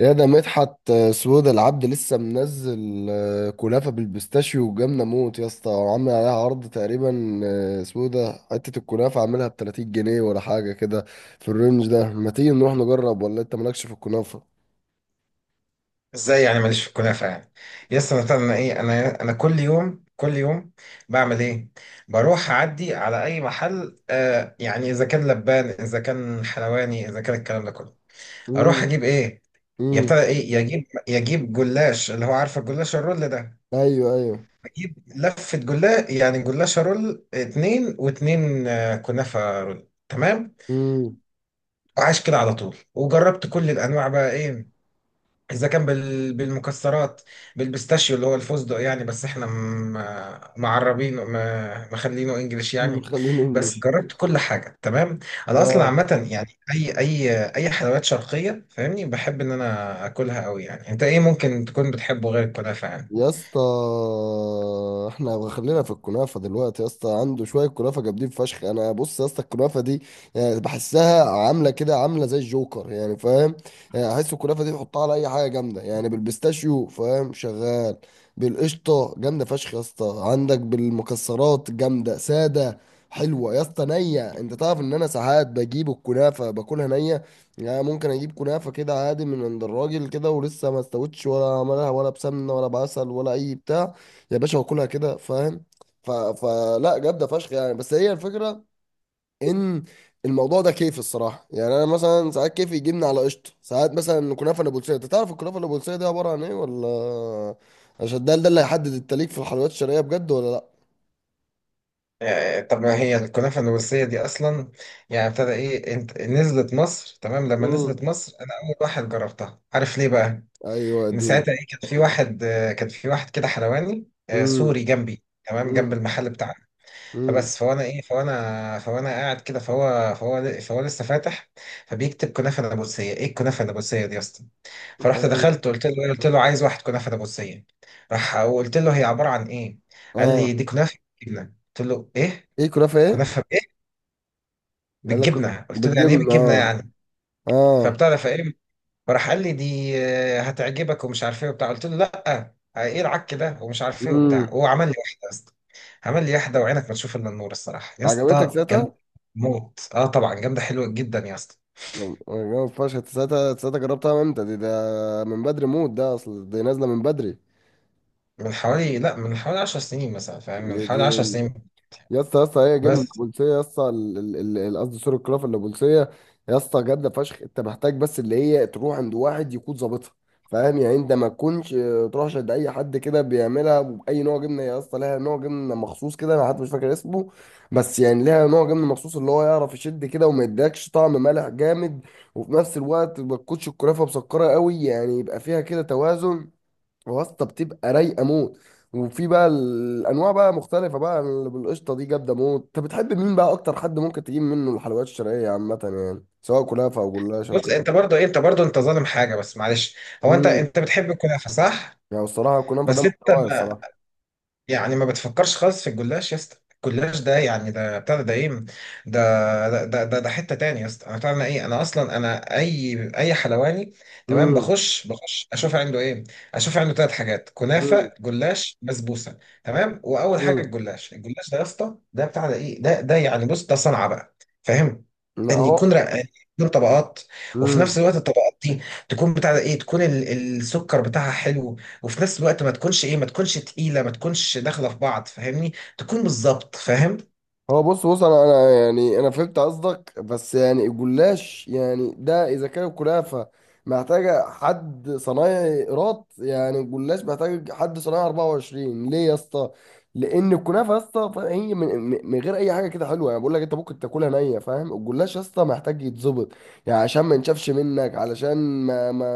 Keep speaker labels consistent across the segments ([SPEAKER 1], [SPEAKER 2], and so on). [SPEAKER 1] يا ده مدحت سويد العبد لسه منزل كنافة بالبيستاشيو وجبنة موت يا اسطى، وعامل عليها عرض تقريبا. اسمه إيه ده؟ حتة الكنافة عاملها ب 30 جنيه ولا حاجة كده في الرينج ده. ما تيجي نروح نجرب؟ ولا انت مالكش في الكنافة؟
[SPEAKER 2] ازاي يعني ماليش في الكنافه يعني؟ يس، انا ايه، انا كل يوم بعمل ايه؟ بروح اعدي على اي محل، آه يعني اذا كان لبان اذا كان حلواني اذا كان الكلام ده كله. اروح
[SPEAKER 1] امم.
[SPEAKER 2] اجيب ايه؟
[SPEAKER 1] امم.
[SPEAKER 2] يبتدى ايه، يجيب جلاش اللي هو عارف الجلاش الرول ده.
[SPEAKER 1] ايوه، ايوه.
[SPEAKER 2] اجيب لفه جلاش يعني جلاش رول، اتنين واتنين آه كنافه رول، تمام.
[SPEAKER 1] امم.
[SPEAKER 2] وعايش كده على طول وجربت كل الانواع بقى ايه، بالمكسرات، بالبيستاشيو اللي هو الفستق يعني، بس احنا معربينه، مخلينه انجليش يعني.
[SPEAKER 1] خلينا
[SPEAKER 2] بس
[SPEAKER 1] انجلش.
[SPEAKER 2] جربت كل حاجه تمام. انا اصلا
[SPEAKER 1] اه،
[SPEAKER 2] عامه يعني اي حلويات شرقيه، فاهمني؟ بحب ان انا اكلها قوي يعني. انت ايه ممكن تكون بتحبه غير الكنافه يعني؟
[SPEAKER 1] يا اسطى احنا خلينا في الكنافه دلوقتي. يا اسطى عنده شويه كنافه جامدين فشخ. انا بص يا اسطى الكنافه دي يعني بحسها عامله كده، عامله زي الجوكر يعني، فاهم؟ يعني احس الكنافه دي تحطها على اي حاجه جامده، يعني بالبيستاشيو فاهم شغال، بالقشطه جامده فشخ يا اسطى، عندك بالمكسرات جامده ساده حلوه يا اسطى نيه. انت تعرف ان انا ساعات بجيب الكنافه باكلها نيه؟ يعني ممكن اجيب كنافه كده عادي من عند الراجل كده ولسه ما استوتش ولا عملها ولا بسمنه ولا بعسل ولا اي بتاع يا باشا، واكلها كده، فاهم؟ فلا جامده فشخ يعني. بس هي الفكره ان الموضوع ده كيف الصراحه. يعني انا مثلا ساعات كيف يجيبني على قشطه، ساعات مثلا كنافه نابلسيه. انت تعرف الكنافه النابلسيه دي عباره عن ايه، ولا عشان ده اللي هيحدد التليك في الحلويات الشرقيه بجد، ولا لا؟
[SPEAKER 2] آه، طب ما هي الكنافه النورسيه دي اصلا يعني ابتدى ايه؟ انت نزلت مصر، تمام؟ لما
[SPEAKER 1] امم.
[SPEAKER 2] نزلت مصر انا اول واحد جربتها، عارف ليه بقى؟
[SPEAKER 1] ايوه
[SPEAKER 2] من
[SPEAKER 1] اديني.
[SPEAKER 2] ساعتها ايه، كان في واحد، آه، كان في واحد كده حلواني، آه،
[SPEAKER 1] امم.
[SPEAKER 2] سوري جنبي، تمام، جنب
[SPEAKER 1] امم.
[SPEAKER 2] المحل بتاعنا.
[SPEAKER 1] امم.
[SPEAKER 2] فوانا ايه، فوانا قاعد كده، فهو لسه فاتح. فبيكتب كنافه نابلسيه، ايه الكنافه النابلسيه دي يا اسطى؟ فرحت
[SPEAKER 1] حلو.
[SPEAKER 2] دخلت، قلت له عايز واحد كنافه نابلسيه. راح وقلت له هي عباره عن ايه؟ قال
[SPEAKER 1] اه.
[SPEAKER 2] لي دي كنافه بالجبنه. قلت له ايه،
[SPEAKER 1] ايه كنافه ايه؟
[SPEAKER 2] كنافه بايه،
[SPEAKER 1] انا كنت
[SPEAKER 2] بالجبنه؟ قلت له يعني ايه
[SPEAKER 1] بتجيبنا
[SPEAKER 2] بالجبنه
[SPEAKER 1] اه.
[SPEAKER 2] يعني؟
[SPEAKER 1] اه.
[SPEAKER 2] فبتعرف ايه، فراح قال لي دي، آه، هتعجبك ومش عارف ايه وبتاع. قلت له لا، آه، ايه العك ده ومش عارف ايه وبتاع.
[SPEAKER 1] امم.
[SPEAKER 2] هو عمل لي واحده يا اسطى، عمل لي واحده وعينك ما تشوف الا النور. الصراحه يا
[SPEAKER 1] عجبتك
[SPEAKER 2] اسطى جامده
[SPEAKER 1] ساعتها؟
[SPEAKER 2] موت، اه طبعا جامده حلوه جدا يا اسطى.
[SPEAKER 1] جامد فشخ. أنت ساعتها جربتها امتى دي؟ ده من بدري موت، ده اصل دي نازله من بدري.
[SPEAKER 2] من حوالي لا من حوالي 10 سنين مثلا، فاهم؟ من
[SPEAKER 1] يا دي.
[SPEAKER 2] حوالي 10 سنين
[SPEAKER 1] يا اسطى يا اسطى هي جنة
[SPEAKER 2] بس.
[SPEAKER 1] البوليسية يا اسطى، قصدي سور الكراف البوليسية. يا اسطى جامدة فشخ. انت محتاج بس اللي هي تروح عند واحد يكون ظابطها، فاهم؟ يعني انت ما تكونش تروحش عند اي حد كده بيعملها باي نوع جبنه. يا اسطى لها نوع جبنه مخصوص كده، انا حتى مش فاكر اسمه، بس يعني لها نوع جبنه مخصوص اللي هو يعرف يشد كده وما يديكش طعم مالح جامد، وفي نفس الوقت ما تكونش الكرافه مسكره قوي. يعني يبقى فيها كده توازن، واسطة بتبقى رايقة موت. وفي بقى الأنواع بقى مختلفة بقى، اللي بالقشطة دي جامدة موت. أنت بتحب مين بقى أكتر؟ حد ممكن تجيب منه الحلويات الشرقية عامة، يعني سواء كنافة أو جلاش أو
[SPEAKER 2] بص،
[SPEAKER 1] كده؟
[SPEAKER 2] انت برضو انت ظالم حاجه بس معلش. هو انت
[SPEAKER 1] امم.
[SPEAKER 2] انت بتحب الكنافه صح؟
[SPEAKER 1] يعني الصراحة الكنافة ده
[SPEAKER 2] بس انت
[SPEAKER 1] محتواي الصراحة.
[SPEAKER 2] يعني ما بتفكرش خالص في الجلاش يا اسطى؟ الجلاش ده يعني ده بتاع ده ايه ده، ده حته تاني يا اسطى. انا بتاع ايه، انا اصلا انا اي حلواني تمام
[SPEAKER 1] امم.
[SPEAKER 2] بخش، بخش اشوف عنده ايه. اشوف عنده ثلاث حاجات،
[SPEAKER 1] امم.
[SPEAKER 2] كنافه جلاش بسبوسه تمام. واول حاجه
[SPEAKER 1] امم.
[SPEAKER 2] الجلاش، الجلاش ده يا اسطى ده بتاع ده ايه ده ده يعني بص ده صنعه بقى، فاهم؟
[SPEAKER 1] لا
[SPEAKER 2] ان يكون
[SPEAKER 1] هو.
[SPEAKER 2] رقاني، يكون طبقات. وفي
[SPEAKER 1] مم.
[SPEAKER 2] نفس الوقت الطبقات دي تكون بتاع ده ايه، تكون السكر بتاعها حلو. وفي نفس الوقت ما تكونش ايه، ما تكونش تقيله، ما تكونش داخله في بعض، فاهمني؟ تكون بالظبط، فاهم؟
[SPEAKER 1] هو بص بص، انا يعني انا فهمت قصدك. بس يعني الجلاش يعني ده اذا كان الكنافه محتاجه حد صنايعي قراط، يعني الجلاش محتاج حد صنايعي 24، ليه يا اسطى؟ لان الكنافه يا اسطى هي من غير اي حاجه كده حلوه. يعني بقول لك انت ممكن تاكلها نيه، فاهم؟ الجلاش يا اسطى محتاج يتظبط، يعني عشان ما ينشفش منك، علشان ما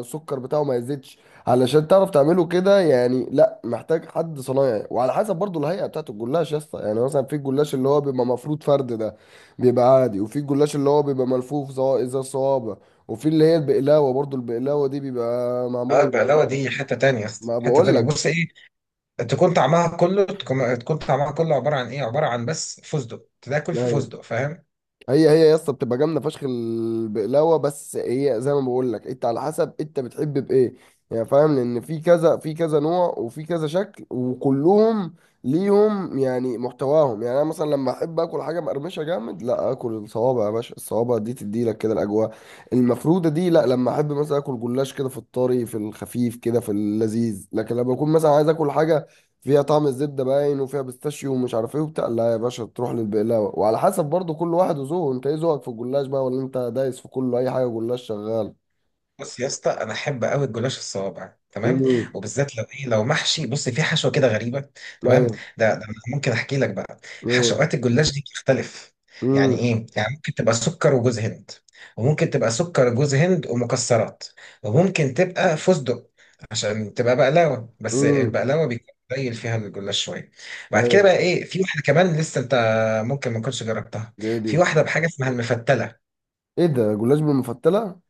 [SPEAKER 1] السكر بتاعه ما يزيدش، علشان تعرف تعمله كده. يعني لا محتاج حد صنايعي، وعلى حسب برضو الهيئه بتاعت الجلاش يا اسطى. يعني مثلا في الجلاش اللي هو بيبقى مفروض فرد ده بيبقى عادي، وفي الجلاش اللي هو بيبقى ملفوف زي الصوابع، وفي اللي هي البقلاوه برضو. البقلاوه دي بيبقى
[SPEAKER 2] اه،
[SPEAKER 1] معموله
[SPEAKER 2] البقلاوه
[SPEAKER 1] بالجلاش
[SPEAKER 2] دي حته تانية يا اسطى،
[SPEAKER 1] ما
[SPEAKER 2] حته
[SPEAKER 1] بقول
[SPEAKER 2] تانية.
[SPEAKER 1] لك.
[SPEAKER 2] بص ايه، تكون طعمها كله عباره عن ايه، عباره عن بس فستق، تاكل في
[SPEAKER 1] ايوه
[SPEAKER 2] فستق، فاهم؟
[SPEAKER 1] هي هي يا اسطى بتبقى جامده فشخ البقلاوه، بس هي زي ما بقول لك انت على حسب انت بتحب بايه. يعني فاهم، لان في كذا، في كذا نوع وفي كذا شكل، وكلهم ليهم يعني محتواهم. يعني انا مثلا لما احب اكل حاجه مقرمشه جامد، لا اكل الصوابع يا باشا. الصوابع دي تدي لك كده الاجواء المفروده دي. لا لما احب مثلا اكل جلاش كده، في الطري في الخفيف كده في اللذيذ. لكن لما اكون مثلا عايز اكل حاجه فيها طعم الزبده باين وفيها بيستاشيو ومش عارف ايه وبتاع، لا يا باشا تروح للبقلاوه. وعلى حسب برضو كل واحد وذوقه. انت ايه ذوقك في الجلاش بقى، ولا انت دايس في كله اي حاجه جلاش شغال؟
[SPEAKER 2] بص يا اسطى، انا احب قوي الجلاش الصوابع تمام.
[SPEAKER 1] امم.
[SPEAKER 2] وبالذات لو ايه، لو محشي، بص في حشوه كده غريبه تمام. ده
[SPEAKER 1] ايوه
[SPEAKER 2] ده أنا ممكن احكي لك بقى،
[SPEAKER 1] ايوه.
[SPEAKER 2] حشوات الجلاش دي بتختلف. يعني
[SPEAKER 1] امم.
[SPEAKER 2] ايه، يعني ممكن تبقى سكر وجوز هند، وممكن تبقى سكر وجوز هند ومكسرات، وممكن تبقى فستق عشان تبقى بقلاوه، بس
[SPEAKER 1] امم.
[SPEAKER 2] البقلاوه بيكون قليل فيها الجلاش شويه. بعد كده
[SPEAKER 1] ايوه.
[SPEAKER 2] بقى ايه، في واحده كمان لسه انت ممكن ما تكونش جربتها.
[SPEAKER 1] دي دي.
[SPEAKER 2] في واحده بحاجه اسمها المفتله.
[SPEAKER 1] ايه ده جلاش بالمفتله؟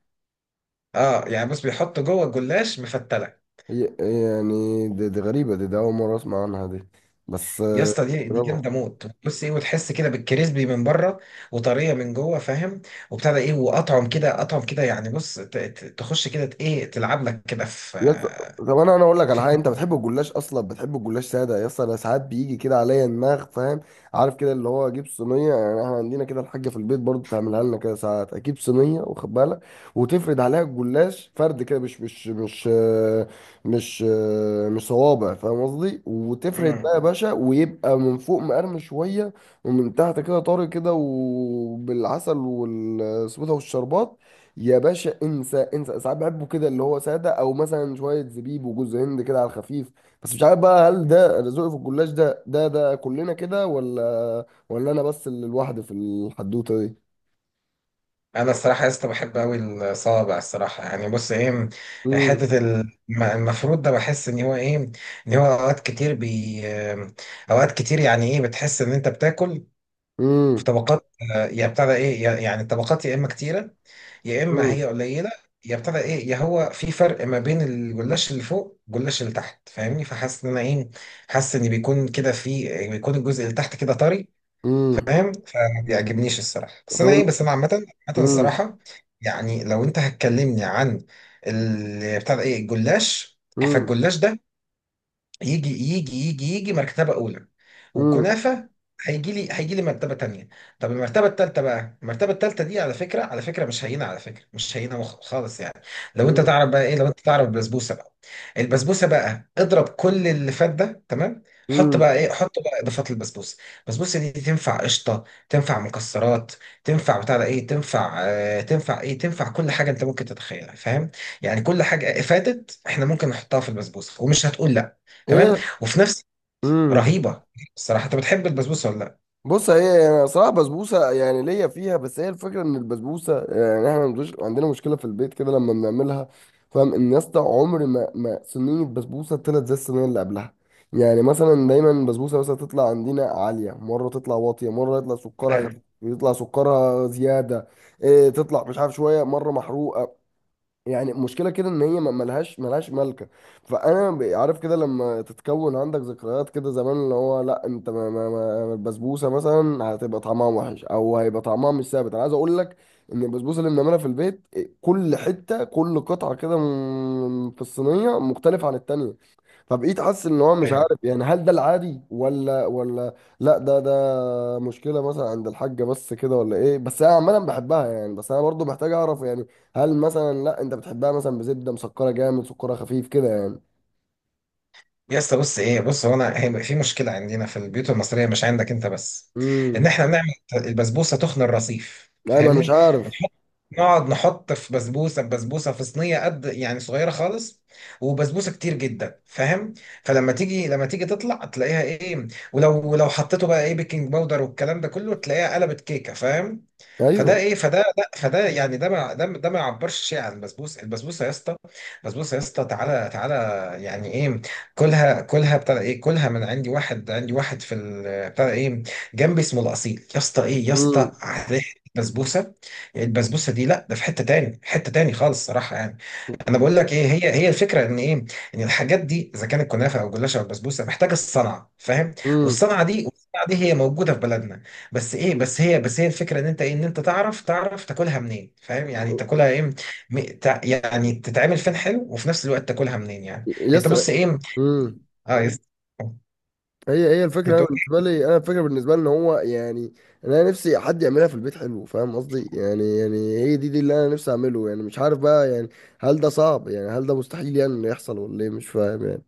[SPEAKER 2] اه يعني بص، بيحطوا جوه الجلاش مفتله.
[SPEAKER 1] هي يعني دي غريبه دي، ده اول مره اسمع عنها دي بس.
[SPEAKER 2] يا اسطى دي
[SPEAKER 1] جربها.
[SPEAKER 2] جامده موت، بص ايه، وتحس كده بالكريسبي من بره وطريه من جوه، فاهم؟ وبتاع ده ايه، واطعم كده يعني، بص تخش كده، ايه، تلعب لك كده في.
[SPEAKER 1] يس... طب انا اقول لك على حاجه. انت بتحب الجلاش اصلا؟ بتحب الجلاش ساده يا اسطى؟ انا ساعات بيجي كده عليا دماغ، فاهم؟ عارف كده اللي هو اجيب صينيه. يعني احنا عندنا كده الحاجه في البيت برضو تعملها لنا كده. ساعات اجيب صينيه، واخد بالك، وتفرد عليها الجلاش فرد كده، مش صوابع فاهم قصدي. وتفرد
[SPEAKER 2] مم.
[SPEAKER 1] بقى يا باشا، ويبقى من فوق مقرمش شويه، ومن تحت كده طري كده، وبالعسل والسبوته والشربات يا باشا انسى انسى. ساعات بحبه كده اللي هو ساده، او مثلا شويه زبيب وجوز هند كده على الخفيف. بس مش عارف بقى هل ده ذوقي في الجلاش، ده كلنا كده، ولا ولا انا بس اللي لوحدي في الحدوته دي؟
[SPEAKER 2] انا الصراحه يا اسطى بحب قوي الصوابع، الصراحه. يعني بص ايه،
[SPEAKER 1] امم.
[SPEAKER 2] حته المفروض ده، بحس ان هو ايه، ان هو اوقات كتير يعني ايه، بتحس ان انت بتاكل في
[SPEAKER 1] امم.
[SPEAKER 2] طبقات، آه، يا بتاع ده ايه، يعني طبقات يا اما كتيره يا اما هي
[SPEAKER 1] امم.
[SPEAKER 2] قليله، يا ابتدى ايه، يا هو في فرق ما بين الجلاش اللي فوق والجلاش اللي تحت، فاهمني؟ فحاسس ان انا ايه، حاسس ان بيكون كده في، بيكون الجزء اللي تحت كده طري،
[SPEAKER 1] امم.
[SPEAKER 2] فاهم؟ فما بيعجبنيش الصراحه، بس انا
[SPEAKER 1] طب.
[SPEAKER 2] ايه، بس انا عامه عامه
[SPEAKER 1] امم.
[SPEAKER 2] الصراحه. يعني لو انت هتكلمني عن بتاع ده ايه، الجلاش،
[SPEAKER 1] امم.
[SPEAKER 2] فالجلاش ده يجي يجي مرتبة أولى،
[SPEAKER 1] امم.
[SPEAKER 2] والكنافة هيجي لي مرتبة تانية. طب المرتبة التالتة بقى، المرتبة التالتة دي على فكرة، على فكرة مش هينة، على فكرة مش هينة خالص يعني. لو أنت تعرف بقى إيه، لو أنت تعرف البسبوسة بقى، البسبوسة بقى اضرب كل اللي فات ده تمام. حط
[SPEAKER 1] امم.
[SPEAKER 2] بقى إيه، حط بقى إضافات للبسبوسة. البسبوسة دي تنفع قشطة، تنفع مكسرات، تنفع بتاع ده إيه، تنفع آه، تنفع إيه، تنفع كل حاجة أنت ممكن تتخيلها، فاهم؟ يعني كل حاجة فاتت إحنا ممكن نحطها في البسبوسة ومش هتقول. تمام،
[SPEAKER 1] ايه.
[SPEAKER 2] وفي نفس،
[SPEAKER 1] امم.
[SPEAKER 2] رهيبه الصراحه. انت بتحب البسبوسه ولا لا؟
[SPEAKER 1] بص هي يعني صراحة بسبوسة يعني ليا فيها. بس هي الفكرة ان البسبوسة، يعني احنا مش عندنا مشكلة في البيت كده لما بنعملها، فاهم؟ ان يا اسطى عمر ما صينية بسبوسة طلعت زي الصينية اللي قبلها. يعني مثلا دايما البسبوسة مثلا تطلع عندنا عالية مرة، تطلع واطية مرة، يطلع سكرها
[SPEAKER 2] ايوه،
[SPEAKER 1] خفيف، يطلع سكرها زيادة. إيه تطلع مش عارف شوية، مرة محروقة. يعني مشكلة كده ان هي ملهاش، ملهاش ملكة. فانا عارف كده لما تتكون عندك ذكريات كده زمان اللي هو لا انت ما ما ما البسبوسة مثلا هتبقى طعمها وحش، او هيبقى طعمها مش ثابت. انا عايز اقول لك ان البسبوسة اللي بنعملها في البيت كل حتة، كل قطعة كده في الصينية مختلفة عن التانية. فبقيت حاسس ان هو مش
[SPEAKER 2] ايوه
[SPEAKER 1] عارف، يعني هل ده العادي، ولا ولا لا ده ده مشكله مثلا عند الحاجه بس كده، ولا ايه؟ بس انا عامه بحبها يعني. بس انا برضو محتاج اعرف. يعني هل مثلا لا انت بتحبها مثلا بزبده مسكره جامد، سكرها خفيف كده يعني؟
[SPEAKER 2] يا اسطى، بص ايه، بص هو، انا هي في مشكله عندنا في البيوت المصريه، مش عندك انت بس، ان
[SPEAKER 1] امم.
[SPEAKER 2] احنا بنعمل البسبوسه تخن الرصيف،
[SPEAKER 1] ايوه انا مش
[SPEAKER 2] فاهمني؟
[SPEAKER 1] عارف.
[SPEAKER 2] بنحط نقعد نحط في بسبوسه، بسبوسه في صينيه قد يعني صغيره خالص، وبسبوسه كتير جدا، فاهم؟ فلما تيجي، لما تيجي تطلع تلاقيها ايه، ولو حطيته بقى ايه، بيكنج باودر والكلام ده كله، تلاقيها قلبت كيكه، فاهم؟ فده
[SPEAKER 1] ايوه.
[SPEAKER 2] ايه، فده لا فده يعني، ده ما يعبرش شيء عن البسبوسه. البسبوسه يا اسطى، البسبوسه يا اسطى، تعالى يعني ايه، كلها، كلها بتاع ايه كلها من عندي، واحد في بتاع ايه، جنبي، اسمه الاصيل. يا اسطى ايه يا اسطى،
[SPEAKER 1] امم.
[SPEAKER 2] ريحه البسبوسه، البسبوسه دي لا ده في حته تاني، حته تاني خالص صراحه يعني. انا بقول لك ايه، هي هي الفكره ان ايه، ان الحاجات دي اذا كانت كنافه او جلاشه او بسبوسه محتاجه الصنعه، فاهم؟
[SPEAKER 1] امم.
[SPEAKER 2] والصنعه دي هي موجوده في بلدنا. بس ايه، بس هي الفكره ان انت ايه، ان انت تعرف تاكلها منين، فاهم؟ يعني تاكلها ايه، يعني تتعمل فين حلو وفي نفس الوقت تاكلها منين يعني. انت
[SPEAKER 1] يس.
[SPEAKER 2] بص ايه،
[SPEAKER 1] امم.
[SPEAKER 2] اه،
[SPEAKER 1] هي هي الفكره. انا
[SPEAKER 2] بتقول إيه؟
[SPEAKER 1] بالنسبه لي، انا الفكره بالنسبه لي ان هو يعني انا نفسي حد يعملها في البيت حلو، فاهم قصدي؟ يعني يعني هي دي اللي انا نفسي اعمله. يعني مش عارف بقى، يعني هل ده صعب؟ يعني هل ده مستحيل يعني إنه يحصل ولا ايه؟ مش فاهم يعني.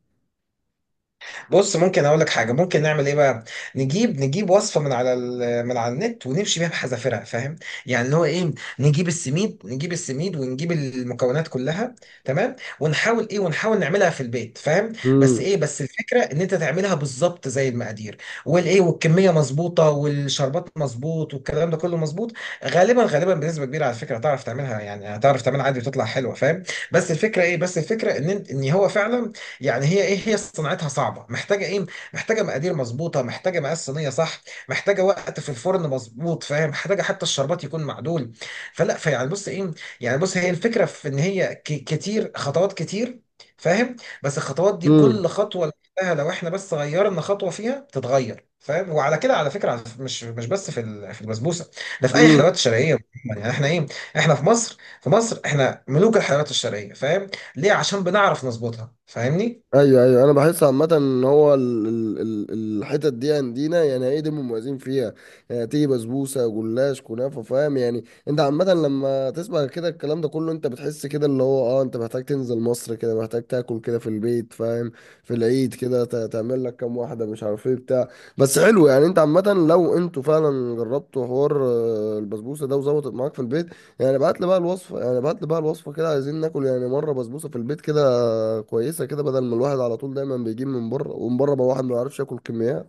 [SPEAKER 2] بص ممكن اقول لك حاجه، ممكن نعمل ايه بقى، نجيب وصفه من على من على النت، ونمشي بيها بحذافيرها، فاهم؟ يعني اللي هو ايه، نجيب السميد ونجيب المكونات كلها تمام، ونحاول ايه، ونحاول نعملها في البيت، فاهم؟ بس
[SPEAKER 1] امم.
[SPEAKER 2] ايه، بس الفكره ان انت تعملها بالظبط زي المقادير والايه، والكميه مظبوطه والشربات مظبوط والكلام ده كله مظبوط. غالبا بنسبه كبيره على فكره هتعرف تعملها، يعني هتعرف تعملها عادي وتطلع حلوه، فاهم؟ بس الفكره ايه، بس الفكره ان ان هو فعلا، يعني هي ايه، هي صناعتها صعبه، محتاجه ايه، محتاجه مقادير مظبوطه، محتاجه مقاس صينيه، صح؟ محتاجه وقت في الفرن مظبوط، فاهم؟ محتاجه حتى الشربات يكون معدول. فلا فيعني بص ايه، يعني بص هي الفكره في ان هي كتير خطوات كتير، فاهم؟ بس الخطوات دي كل خطوه لوحدها، لو احنا بس غيرنا خطوه فيها تتغير، فاهم؟ وعلى كده على فكره، على مش بس في في البسبوسه، ده في اي
[SPEAKER 1] امم.
[SPEAKER 2] حلويات شرقيه. يعني احنا ايه، احنا في مصر، في مصر احنا ملوك الحلويات الشرقيه، فاهم؟ ليه؟ عشان بنعرف نظبطها، فاهمني؟
[SPEAKER 1] ايوه ايوه. انا بحس عامه ان هو الحتت دي عندنا، يعني ايه، دي مميزين فيها. يعني تيجي بسبوسه جلاش كنافه، فاهم؟ يعني انت عامه لما تسمع كده الكلام ده كله انت بتحس كده اللي هو اه انت محتاج تنزل مصر كده، محتاج تاكل كده في البيت، فاهم؟ في العيد كده تعمل لك كام واحده، مش عارف ايه بتاع. بس حلو يعني. انت عامه لو انتوا فعلا جربتوا حوار البسبوسه ده وظبطت معاك في البيت، يعني ابعت لي بقى الوصفه، يعني ابعت لي بقى الوصفه كده. عايزين ناكل يعني مره بسبوسه في البيت كده كويسه كده، بدل ما الواحد على طول دايما بيجيب من بره، ومن بره بقى واحد ما يعرفش ياكل كميات.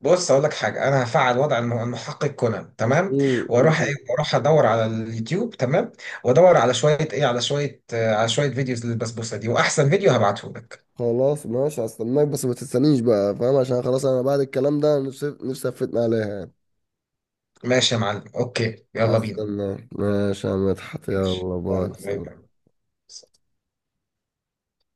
[SPEAKER 2] بص اقول لك حاجه، انا هفعل وضع المحقق كونان تمام،
[SPEAKER 1] امم.
[SPEAKER 2] واروح ايه، واروح ادور على اليوتيوب تمام، وادور على شويه ايه، على شويه آه، على شويه فيديوز للبسبوسه دي، واحسن فيديو هبعته لك.
[SPEAKER 1] خلاص ماشي هستناك، بس ما تستنيش بقى فاهم، عشان خلاص انا بعد الكلام ده نفسي، نفسي افتنا عليها يعني.
[SPEAKER 2] ماشي يا معلم، اوكي يلا بينا،
[SPEAKER 1] هستناك ماشي يا مدحت،
[SPEAKER 2] ماشي
[SPEAKER 1] يلا
[SPEAKER 2] يلا
[SPEAKER 1] باي
[SPEAKER 2] باي
[SPEAKER 1] سلام.
[SPEAKER 2] باي.